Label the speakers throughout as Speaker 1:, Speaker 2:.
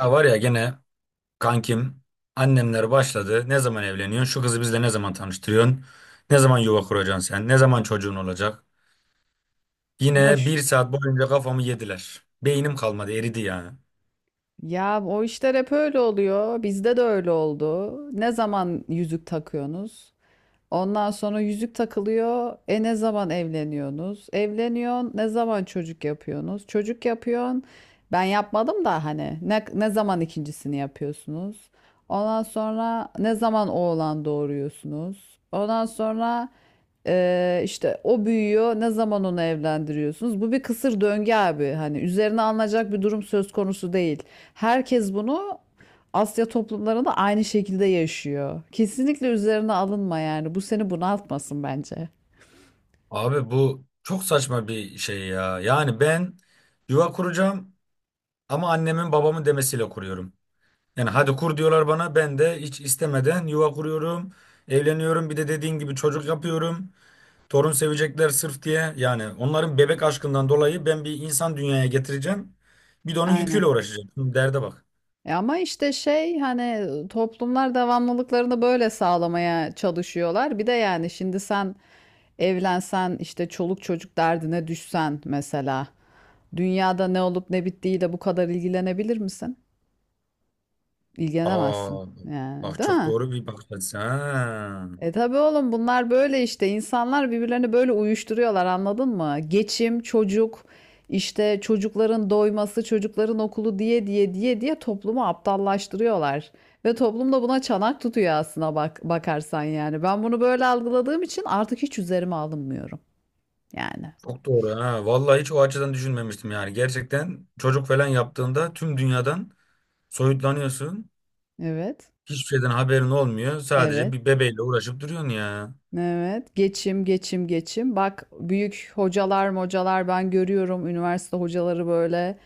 Speaker 1: Ya var ya gene kankim annemler başladı. Ne zaman evleniyorsun? Şu kızı bizle ne zaman tanıştırıyorsun? Ne zaman yuva kuracaksın sen? Ne zaman çocuğun olacak? Yine bir
Speaker 2: Boş.
Speaker 1: saat boyunca kafamı yediler. Beynim kalmadı eridi yani.
Speaker 2: Ya o işler hep öyle oluyor. Bizde de öyle oldu. Ne zaman yüzük takıyorsunuz? Ondan sonra yüzük takılıyor. E ne zaman evleniyorsunuz? Evleniyorsun. Ne zaman çocuk yapıyorsunuz? Çocuk yapıyorsun. Ben yapmadım da hani ne zaman ikincisini yapıyorsunuz? Ondan sonra ne zaman oğlan doğuruyorsunuz? Ondan sonra işte o büyüyor. Ne zaman onu evlendiriyorsunuz? Bu bir kısır döngü abi. Hani üzerine alınacak bir durum söz konusu değil. Herkes bunu Asya toplumları da aynı şekilde yaşıyor. Kesinlikle üzerine alınma yani. Bu seni bunaltmasın bence.
Speaker 1: Abi bu çok saçma bir şey ya. Yani ben yuva kuracağım ama annemin babamın demesiyle kuruyorum. Yani hadi kur diyorlar bana ben de hiç istemeden yuva kuruyorum. Evleniyorum bir de dediğin gibi çocuk yapıyorum. Torun sevecekler sırf diye yani onların bebek aşkından dolayı ben bir insan dünyaya getireceğim. Bir de onun
Speaker 2: Aynen.
Speaker 1: yüküyle uğraşacağım. Şimdi derde bak.
Speaker 2: E ama işte şey hani toplumlar devamlılıklarını böyle sağlamaya çalışıyorlar. Bir de yani şimdi sen evlensen işte çoluk çocuk derdine düşsen mesela dünyada ne olup ne bittiğiyle bu kadar ilgilenebilir misin? İlgilenemezsin
Speaker 1: Aa,
Speaker 2: yani
Speaker 1: bak
Speaker 2: değil
Speaker 1: çok
Speaker 2: mi?
Speaker 1: doğru bir bakış açısı. Ha.
Speaker 2: E tabii oğlum bunlar böyle işte insanlar birbirlerini böyle uyuşturuyorlar anladın mı? Geçim, çocuk, işte çocukların doyması, çocukların okulu diye diye diye diye toplumu aptallaştırıyorlar. Ve toplum da buna çanak tutuyor aslına bak bakarsan yani. Ben bunu böyle algıladığım için artık hiç üzerime alınmıyorum. Yani.
Speaker 1: Çok doğru ha. Vallahi hiç o açıdan düşünmemiştim yani. Gerçekten çocuk falan yaptığında tüm dünyadan soyutlanıyorsun.
Speaker 2: Evet.
Speaker 1: Hiçbir şeyden haberin olmuyor. Sadece
Speaker 2: Evet.
Speaker 1: bir bebeğle uğraşıp duruyorsun ya.
Speaker 2: Evet, geçim, geçim, geçim. Bak büyük hocalar, hocalar ben görüyorum üniversite hocaları böyle.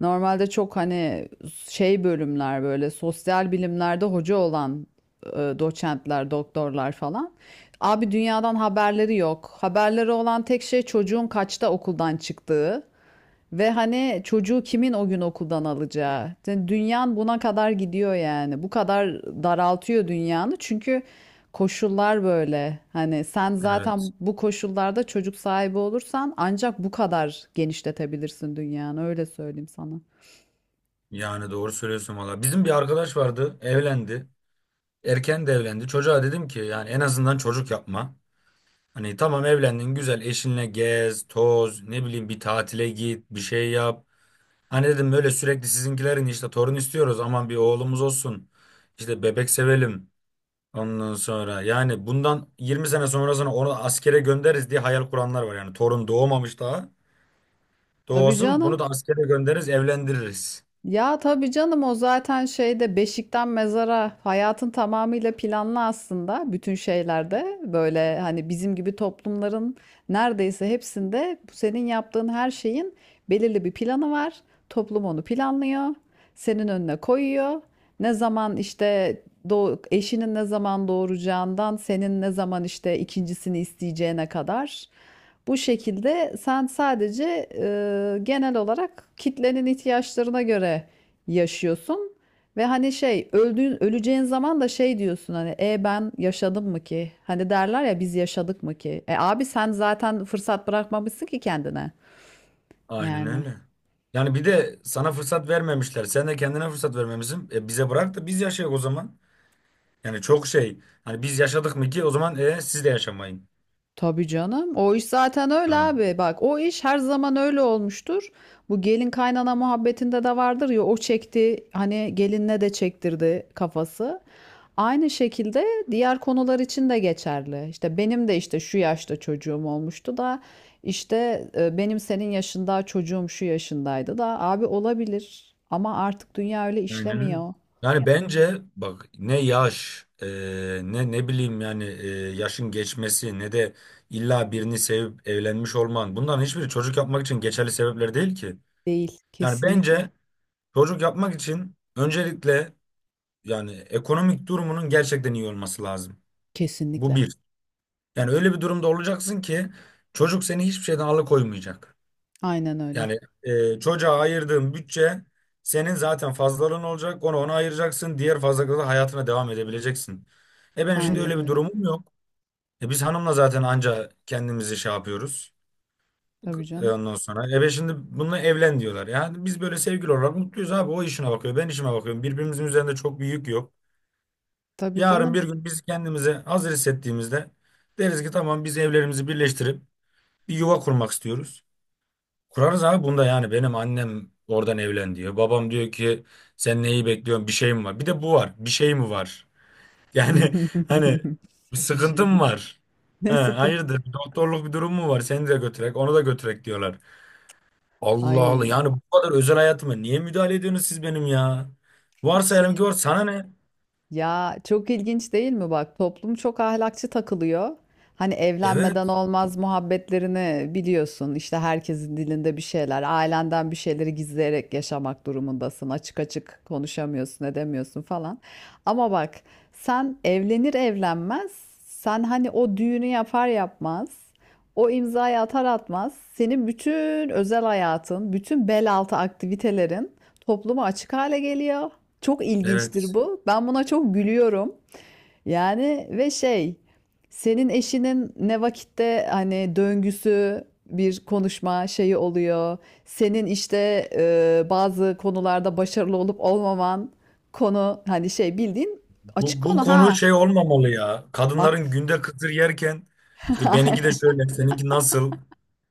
Speaker 2: Normalde çok hani şey bölümler böyle sosyal bilimlerde hoca olan doçentler, doktorlar falan. Abi dünyadan haberleri yok. Haberleri olan tek şey çocuğun kaçta okuldan çıktığı. Ve hani çocuğu kimin o gün okuldan alacağı? Yani dünyan buna kadar gidiyor yani. Bu kadar daraltıyor dünyanı. Çünkü koşullar böyle. Hani sen
Speaker 1: Evet.
Speaker 2: zaten bu koşullarda çocuk sahibi olursan ancak bu kadar genişletebilirsin dünyanı. Öyle söyleyeyim sana.
Speaker 1: Yani doğru söylüyorsun valla. Bizim bir arkadaş vardı, evlendi. Erken de evlendi. Çocuğa dedim ki yani en azından çocuk yapma. Hani tamam evlendin güzel eşinle gez, toz, ne bileyim bir tatile git, bir şey yap. Hani dedim böyle sürekli sizinkilerin işte torun istiyoruz aman bir oğlumuz olsun. İşte bebek sevelim ondan sonra. Yani bundan 20 sene sonrasına onu askere göndeririz diye hayal kuranlar var. Yani torun doğmamış daha.
Speaker 2: Tabii
Speaker 1: Doğsun bunu
Speaker 2: canım.
Speaker 1: da askere göndeririz, evlendiririz.
Speaker 2: Ya tabii canım o zaten şeyde beşikten mezara hayatın tamamıyla planlı aslında bütün şeylerde böyle hani bizim gibi toplumların neredeyse hepsinde bu senin yaptığın her şeyin belirli bir planı var. Toplum onu planlıyor, senin önüne koyuyor. Ne zaman işte eşinin ne zaman doğuracağından senin ne zaman işte ikincisini isteyeceğine kadar. Bu şekilde sen sadece genel olarak kitlenin ihtiyaçlarına göre yaşıyorsun ve hani şey öldüğün öleceğin zaman da şey diyorsun hani e ben yaşadım mı ki? Hani derler ya biz yaşadık mı ki? E abi sen zaten fırsat bırakmamışsın ki kendine.
Speaker 1: Aynen
Speaker 2: Yani.
Speaker 1: öyle. Yani bir de sana fırsat vermemişler. Sen de kendine fırsat vermemişsin. E bize bırak da biz yaşayalım o zaman. Yani çok şey. Hani biz yaşadık mı ki o zaman siz de yaşamayın.
Speaker 2: Tabii canım. O iş zaten öyle
Speaker 1: Tamam.
Speaker 2: abi. Bak o iş her zaman öyle olmuştur. Bu gelin kaynana muhabbetinde de vardır ya o çekti hani gelinle de çektirdi kafası. Aynı şekilde diğer konular için de geçerli. İşte benim de işte şu yaşta çocuğum olmuştu da işte benim senin yaşında çocuğum şu yaşındaydı da abi olabilir ama artık dünya öyle
Speaker 1: Aynen öyle.
Speaker 2: işlemiyor.
Speaker 1: Yani bence bak ne yaş ne bileyim yani yaşın geçmesi ne de illa birini sevip evlenmiş olman bunların hiçbiri çocuk yapmak için geçerli sebepler değil ki.
Speaker 2: Değil.
Speaker 1: Yani
Speaker 2: Kesinlikle.
Speaker 1: bence çocuk yapmak için öncelikle yani ekonomik durumunun gerçekten iyi olması lazım. Bu
Speaker 2: Kesinlikle.
Speaker 1: bir. Yani öyle bir durumda olacaksın ki çocuk seni hiçbir şeyden alıkoymayacak.
Speaker 2: Aynen öyle.
Speaker 1: Yani çocuğa ayırdığın bütçe senin zaten fazlalığın olacak. Onu ona ayıracaksın. Diğer fazlalıkla da hayatına devam edebileceksin. E benim şimdi
Speaker 2: Aynen
Speaker 1: öyle bir
Speaker 2: öyle.
Speaker 1: durumum yok. E biz hanımla zaten anca kendimizi şey yapıyoruz.
Speaker 2: Tabii
Speaker 1: E
Speaker 2: canım.
Speaker 1: ondan sonra. E ben şimdi bununla evlen diyorlar. Yani biz böyle sevgili olarak mutluyuz abi. O işine bakıyor. Ben işime bakıyorum. Birbirimizin üzerinde çok bir yük yok.
Speaker 2: Tabii
Speaker 1: Yarın
Speaker 2: canım.
Speaker 1: bir gün biz kendimizi hazır hissettiğimizde deriz ki tamam biz evlerimizi birleştirip bir yuva kurmak istiyoruz. Kurarız abi bunda yani benim annem oradan evlen diyor. Babam diyor ki sen neyi bekliyorsun bir şey mi var? Bir de bu var bir şey mi var? Yani hani bir
Speaker 2: Bir şey.
Speaker 1: sıkıntım var. He,
Speaker 2: Ne sıkın.
Speaker 1: hayırdır bir doktorluk bir durum mu var? Seni de götürek onu da götürek diyorlar. Allah Allah
Speaker 2: Ay
Speaker 1: yani bu kadar özel hayatıma niye müdahale ediyorsunuz siz benim ya? Varsa eğer ki
Speaker 2: şey.
Speaker 1: var sana ne?
Speaker 2: Ya çok ilginç değil mi bak toplum çok ahlakçı takılıyor. Hani evlenmeden
Speaker 1: Evet
Speaker 2: olmaz muhabbetlerini biliyorsun. İşte herkesin dilinde bir şeyler, ailenden bir şeyleri gizleyerek yaşamak durumundasın. Açık açık konuşamıyorsun, edemiyorsun falan. Ama bak sen evlenir evlenmez, sen hani o düğünü yapar yapmaz, o imzayı atar atmaz, senin bütün özel hayatın, bütün bel altı aktivitelerin topluma açık hale geliyor. Çok ilginçtir
Speaker 1: evet.
Speaker 2: bu. Ben buna çok gülüyorum. Yani ve şey, senin eşinin ne vakitte hani döngüsü bir konuşma şeyi oluyor. Senin işte bazı konularda başarılı olup olmaman konu hani şey bildiğin açık
Speaker 1: Bu
Speaker 2: konu
Speaker 1: konu
Speaker 2: ha.
Speaker 1: şey olmamalı ya.
Speaker 2: Ak
Speaker 1: Kadınların günde kıtır yerken işte benimki de şöyle seninki nasıl?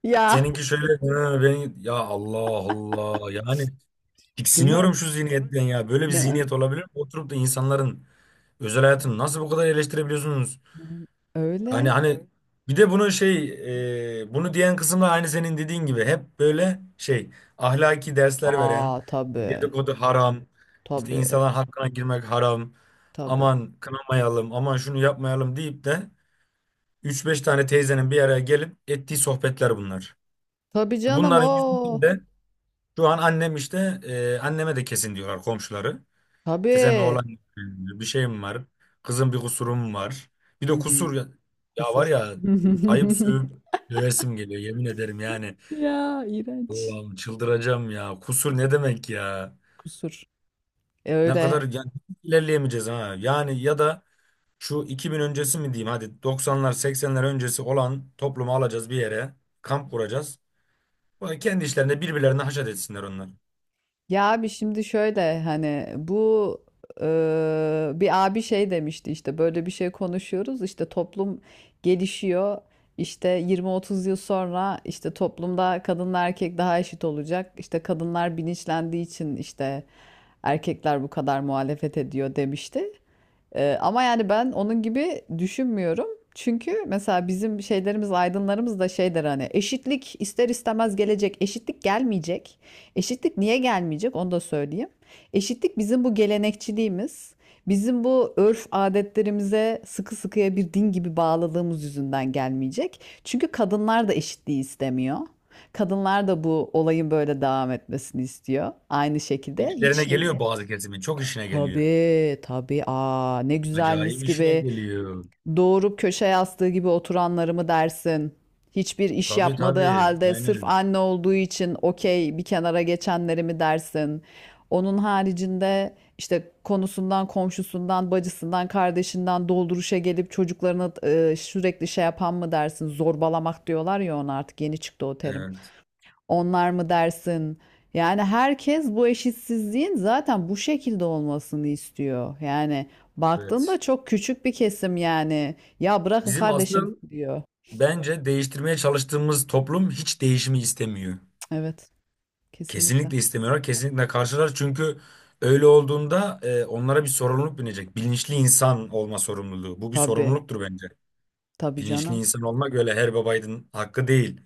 Speaker 2: ya,
Speaker 1: Seninki şöyle "Ha, ben ya Allah Allah yani
Speaker 2: değil mi?
Speaker 1: tiksiniyorum şu zihniyetten ya. Böyle bir
Speaker 2: Değil mi?
Speaker 1: zihniyet olabilir mi? Oturup da insanların özel
Speaker 2: E,
Speaker 1: hayatını nasıl bu kadar eleştirebiliyorsunuz? Hani
Speaker 2: öyle.
Speaker 1: hani bir de bunu diyen kısımda aynı senin dediğin gibi hep böyle şey ahlaki dersler veren
Speaker 2: Aa tabii.
Speaker 1: dedikodu haram işte
Speaker 2: Tabii.
Speaker 1: insanların hakkına girmek haram
Speaker 2: Tabii.
Speaker 1: aman kınamayalım aman şunu yapmayalım deyip de üç beş tane teyzenin bir araya gelip ettiği sohbetler bunlar.
Speaker 2: Tabii canım
Speaker 1: Bunların
Speaker 2: o.
Speaker 1: yüzünden de şu an annem işte anneme de kesin diyorlar komşuları. İşte senin
Speaker 2: Tabii.
Speaker 1: oğlan bir şeyim var. Kızın bir kusurum var. Bir de
Speaker 2: Hı hı.
Speaker 1: kusur ya, ya var
Speaker 2: Kusur.
Speaker 1: ya ayıp sövüp dövesim geliyor yemin ederim yani.
Speaker 2: Ya iğrenç.
Speaker 1: Allah'ım çıldıracağım ya. Kusur ne demek ya?
Speaker 2: Kusur. E
Speaker 1: Ne
Speaker 2: öyle.
Speaker 1: kadar yani ilerleyemeyeceğiz ha. Yani ya da şu 2000 öncesi mi diyeyim hadi 90'lar 80'ler öncesi olan toplumu alacağız bir yere kamp kuracağız. Böyle kendi işlerinde birbirlerine haşat etsinler onlar.
Speaker 2: Ya abi şimdi şöyle hani bu e, bir abi şey demişti işte böyle bir şey konuşuyoruz işte toplum gelişiyor. İşte 20-30 yıl sonra işte toplumda kadınla erkek daha eşit olacak. İşte kadınlar bilinçlendiği için işte erkekler bu kadar muhalefet ediyor demişti. Ama yani ben onun gibi düşünmüyorum. Çünkü mesela bizim şeylerimiz, aydınlarımız da şeydir hani eşitlik ister istemez gelecek. Eşitlik gelmeyecek. Eşitlik niye gelmeyecek onu da söyleyeyim. Eşitlik bizim bu gelenekçiliğimiz, bizim bu örf adetlerimize sıkı sıkıya bir din gibi bağladığımız yüzünden gelmeyecek. Çünkü kadınlar da eşitliği istemiyor. Kadınlar da bu olayın böyle devam etmesini istiyor. Aynı şekilde hiç
Speaker 1: İşlerine
Speaker 2: şey
Speaker 1: geliyor bazı kesimin çok işine geliyor.
Speaker 2: Tabii tabii. Aa, ne güzel mis
Speaker 1: Acayip işine
Speaker 2: gibi.
Speaker 1: geliyor.
Speaker 2: Doğurup köşe yastığı gibi oturanları mı dersin? Hiçbir iş
Speaker 1: Tabii
Speaker 2: yapmadığı
Speaker 1: tabii.
Speaker 2: halde sırf
Speaker 1: Aynen.
Speaker 2: anne olduğu için okey bir kenara geçenleri mi dersin? Onun haricinde işte konusundan, komşusundan, bacısından, kardeşinden dolduruşa gelip çocuklarını sürekli şey yapan mı dersin? Zorbalamak diyorlar ya ona artık yeni çıktı o terim.
Speaker 1: Evet.
Speaker 2: Onlar mı dersin? Yani herkes bu eşitsizliğin zaten bu şekilde olmasını istiyor. Yani baktığında
Speaker 1: Evet.
Speaker 2: çok küçük bir kesim yani. Ya bırakın
Speaker 1: Bizim
Speaker 2: kardeşim
Speaker 1: asıl
Speaker 2: diyor.
Speaker 1: bence değiştirmeye çalıştığımız toplum hiç değişimi istemiyor.
Speaker 2: Evet, kesinlikle.
Speaker 1: Kesinlikle istemiyorlar. Kesinlikle karşılar. Çünkü öyle olduğunda onlara bir sorumluluk binecek. Bilinçli insan olma sorumluluğu. Bu bir
Speaker 2: Tabii,
Speaker 1: sorumluluktur bence.
Speaker 2: tabii
Speaker 1: Bilinçli
Speaker 2: canım.
Speaker 1: insan olmak öyle her babaydın hakkı değil.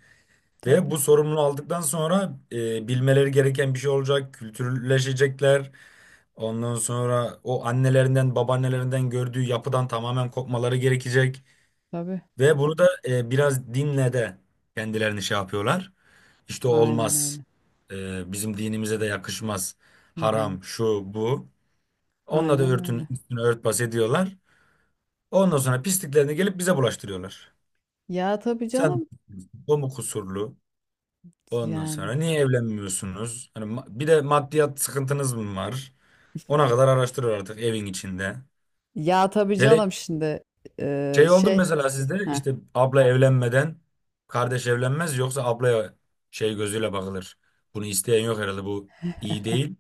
Speaker 1: Ve
Speaker 2: Tabii,
Speaker 1: bu sorumluluğu aldıktan sonra bilmeleri gereken bir şey olacak, kültürleşecekler. Ondan sonra o annelerinden, babaannelerinden gördüğü yapıdan tamamen kopmaları gerekecek.
Speaker 2: tabii.
Speaker 1: Ve bunu da biraz dinle de kendilerini şey yapıyorlar. İşte
Speaker 2: Aynen
Speaker 1: olmaz,
Speaker 2: öyle.
Speaker 1: bizim dinimize de yakışmaz,
Speaker 2: Hı hı.
Speaker 1: haram, şu, bu. Onunla da
Speaker 2: Aynen
Speaker 1: örtün,
Speaker 2: öyle.
Speaker 1: üstüne örtbas ediyorlar. Ondan sonra pisliklerini gelip bize bulaştırıyorlar.
Speaker 2: Ya tabii
Speaker 1: Sen
Speaker 2: canım
Speaker 1: o mu kusurlu? Ondan
Speaker 2: yani.
Speaker 1: sonra niye evlenmiyorsunuz? Hani bir de maddiyat sıkıntınız mı var? Ona kadar araştırır artık evin içinde.
Speaker 2: Ya tabii
Speaker 1: Hele
Speaker 2: canım şimdi
Speaker 1: şey oldu mu
Speaker 2: şey.
Speaker 1: mesela sizde
Speaker 2: Heh.
Speaker 1: işte abla evlenmeden kardeş evlenmez yoksa ablaya şey gözüyle bakılır. Bunu isteyen yok herhalde bu iyi değil.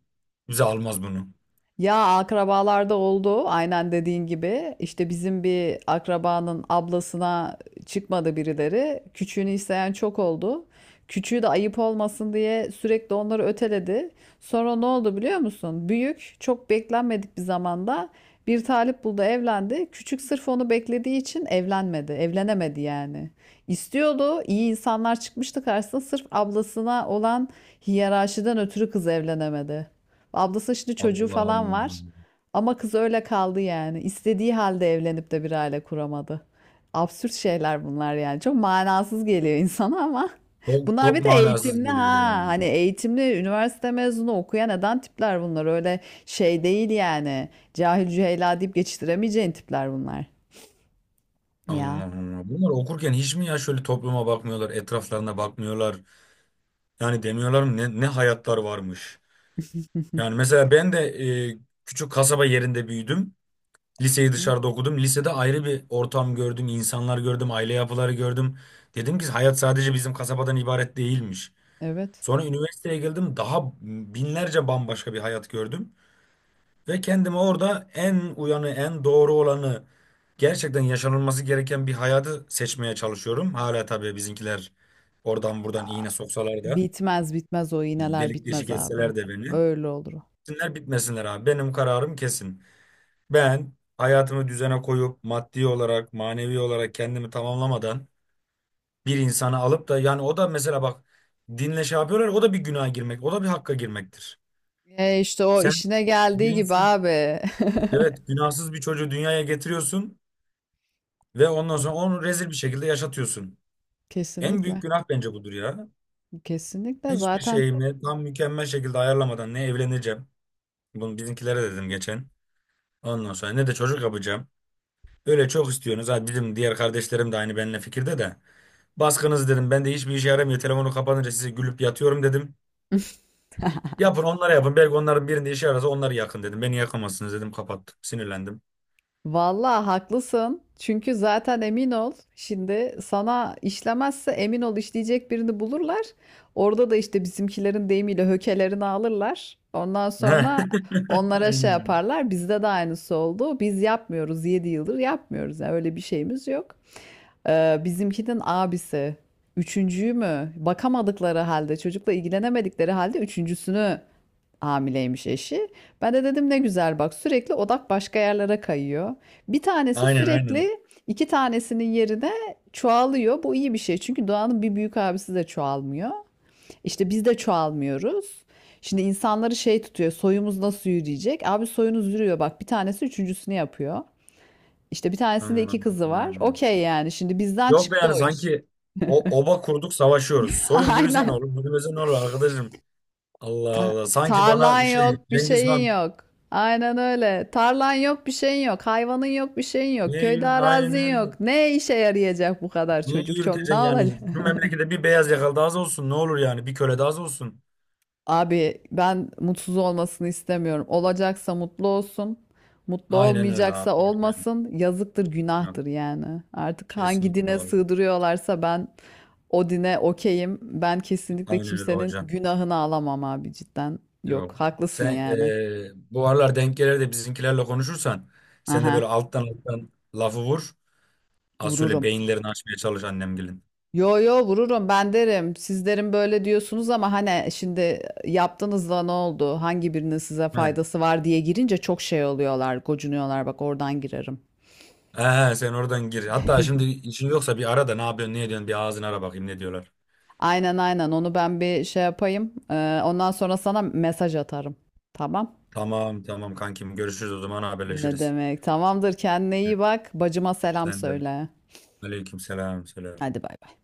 Speaker 1: Bize almaz bunu.
Speaker 2: Ya akrabalarda oldu aynen dediğin gibi. İşte bizim bir akrabanın ablasına çıkmadı birileri. Küçüğünü isteyen çok oldu. Küçüğü de ayıp olmasın diye sürekli onları öteledi. Sonra ne oldu biliyor musun? Büyük çok beklenmedik bir zamanda bir talip buldu evlendi. Küçük sırf onu beklediği için evlenmedi. Evlenemedi yani. İstiyordu. İyi insanlar çıkmıştı karşısına. Sırf ablasına olan hiyerarşiden ötürü kız evlenemedi. Ablası şimdi çocuğu
Speaker 1: Allah
Speaker 2: falan
Speaker 1: Allah.
Speaker 2: var. Ama kız öyle kaldı yani. İstediği halde evlenip de bir aile kuramadı. Absürt şeyler bunlar yani. Çok manasız geliyor insana ama.
Speaker 1: Çok
Speaker 2: Bunlar
Speaker 1: çok
Speaker 2: bir de
Speaker 1: manasız
Speaker 2: eğitimli
Speaker 1: geliyor
Speaker 2: ha.
Speaker 1: yani.
Speaker 2: Hani eğitimli üniversite mezunu okuyan neden tipler bunlar. Öyle şey değil yani. Cahil cüheyla deyip geçiştiremeyeceğin tipler bunlar.
Speaker 1: Allah
Speaker 2: Ya.
Speaker 1: Allah. Bunlar okurken hiç mi ya şöyle topluma bakmıyorlar, etraflarına bakmıyorlar? Yani demiyorlar mı ne hayatlar varmış? Yani mesela ben de e, küçük kasaba yerinde büyüdüm. Liseyi
Speaker 2: Evet.
Speaker 1: dışarıda okudum. Lisede ayrı bir ortam gördüm, insanlar gördüm, aile yapıları gördüm. Dedim ki hayat sadece bizim kasabadan ibaret değilmiş.
Speaker 2: Evet.
Speaker 1: Sonra üniversiteye geldim, daha binlerce bambaşka bir hayat gördüm. Ve kendime orada en uyanı, en doğru olanı, gerçekten yaşanılması gereken bir hayatı seçmeye çalışıyorum. Hala tabii bizimkiler oradan buradan
Speaker 2: Aa,
Speaker 1: iğne soksalar da,
Speaker 2: bitmez bitmez o iğneler
Speaker 1: delik deşik
Speaker 2: bitmez abi.
Speaker 1: etseler de beni.
Speaker 2: Öyle olur o.
Speaker 1: Bitsinler bitmesinler abi. Benim kararım kesin. Ben hayatımı düzene koyup maddi olarak, manevi olarak kendimi tamamlamadan bir insanı alıp da yani o da mesela bak dinle şey yapıyorlar o da bir günaha girmek, o da bir hakka girmektir.
Speaker 2: E işte o
Speaker 1: Sen
Speaker 2: işine geldiği gibi
Speaker 1: bilinçsiz,
Speaker 2: abi.
Speaker 1: evet günahsız bir çocuğu dünyaya getiriyorsun ve ondan
Speaker 2: Tabii.
Speaker 1: sonra onu rezil bir şekilde yaşatıyorsun. En
Speaker 2: Kesinlikle.
Speaker 1: büyük günah bence budur ya.
Speaker 2: Kesinlikle
Speaker 1: Hiçbir
Speaker 2: zaten
Speaker 1: şeyimle tam mükemmel şekilde ayarlamadan ne evleneceğim. Bunu bizimkilere dedim geçen. Ondan sonra ne de çocuk yapacağım. Öyle çok istiyorsunuz. Ha dedim diğer kardeşlerim de aynı benimle fikirde de. Baskınız dedim. Ben de hiçbir işe yaramıyor. Telefonu kapanınca size gülüp yatıyorum dedim. Yapın onlara yapın. Belki onların birinde işe yararsa onları yakın dedim. Beni yakamazsınız dedim. Kapattım. Sinirlendim.
Speaker 2: vallahi haklısın. Çünkü zaten emin ol şimdi sana işlemezse emin ol işleyecek birini bulurlar. Orada da işte bizimkilerin deyimiyle hökelerini alırlar. Ondan sonra onlara şey
Speaker 1: Aynen öyle.
Speaker 2: yaparlar. Bizde de aynısı oldu. Biz yapmıyoruz. 7 yıldır yapmıyoruz. Yani öyle bir şeyimiz yok. Bizimkinin abisi üçüncüyü mü bakamadıkları halde çocukla ilgilenemedikleri halde üçüncüsünü hamileymiş eşi. Ben de dedim ne güzel bak sürekli odak başka yerlere kayıyor. Bir tanesi
Speaker 1: Aynen aynen.
Speaker 2: sürekli iki tanesinin yerine çoğalıyor. Bu iyi bir şey çünkü doğanın bir büyük abisi de çoğalmıyor. İşte biz de çoğalmıyoruz. Şimdi insanları şey tutuyor soyumuz nasıl yürüyecek? Abi soyunuz yürüyor bak bir tanesi üçüncüsünü yapıyor. İşte bir tanesinde iki kızı var.
Speaker 1: Hmm.
Speaker 2: Okey yani şimdi bizden
Speaker 1: Yok be
Speaker 2: çıktı
Speaker 1: yani
Speaker 2: o iş.
Speaker 1: sanki o oba kurduk savaşıyoruz. Soyun yürüse ne
Speaker 2: Aynen.
Speaker 1: olur, yürümese ne olur arkadaşım. Allah
Speaker 2: Ta-
Speaker 1: Allah. Sanki
Speaker 2: tarlan
Speaker 1: bana şey
Speaker 2: yok, bir
Speaker 1: Cengiz
Speaker 2: şeyin
Speaker 1: Han.
Speaker 2: yok. Aynen öyle. Tarlan yok, bir şeyin yok. Hayvanın yok, bir şeyin yok.
Speaker 1: Niye
Speaker 2: Köyde
Speaker 1: yürü? Aynen
Speaker 2: arazin
Speaker 1: öyle.
Speaker 2: yok. Ne işe yarayacak bu kadar
Speaker 1: Niye
Speaker 2: çocuk? Çok
Speaker 1: yürüteceksin
Speaker 2: ne olacak?
Speaker 1: yani? Bu memlekette bir beyaz yakalı daha az olsun. Ne olur yani? Bir köle daha az olsun.
Speaker 2: Abi ben mutsuz olmasını istemiyorum. Olacaksa mutlu olsun. Mutlu
Speaker 1: Aynen öyle abi.
Speaker 2: olmayacaksa
Speaker 1: Aynen.
Speaker 2: olmasın. Yazıktır,
Speaker 1: Öyle.
Speaker 2: günahtır yani. Artık hangi
Speaker 1: Kesinlikle
Speaker 2: dine
Speaker 1: var.
Speaker 2: sığdırıyorlarsa ben o dine okeyim. Ben kesinlikle
Speaker 1: Aynen öyle
Speaker 2: kimsenin
Speaker 1: hocam.
Speaker 2: günahını alamam abi cidden.
Speaker 1: Yok.
Speaker 2: Yok, haklısın
Speaker 1: Sen
Speaker 2: yani.
Speaker 1: bu aralar denk gelir de bizimkilerle konuşursan sen de
Speaker 2: Aha,
Speaker 1: böyle alttan alttan lafı vur. Az şöyle
Speaker 2: vururum.
Speaker 1: beyinlerini açmaya çalış annemgilin.
Speaker 2: Yo yo vururum ben derim. Siz derim böyle diyorsunuz ama hani şimdi yaptığınızda ne oldu? Hangi birinin size
Speaker 1: Heh.
Speaker 2: faydası var diye girince çok şey oluyorlar, gocunuyorlar. Bak oradan girerim.
Speaker 1: He, sen oradan gir. Hatta şimdi işin yoksa bir ara da ne yapıyorsun ne ediyorsun bir ağzını ara bakayım ne diyorlar.
Speaker 2: Aynen aynen onu ben bir şey yapayım. Ondan sonra sana mesaj atarım. Tamam.
Speaker 1: Tamam tamam kankim görüşürüz o zaman
Speaker 2: Ne
Speaker 1: haberleşiriz.
Speaker 2: demek? Tamamdır kendine
Speaker 1: Hı,
Speaker 2: iyi bak. Bacıma selam
Speaker 1: sen de.
Speaker 2: söyle.
Speaker 1: Aleyküm selam selam.
Speaker 2: Hadi bay bay.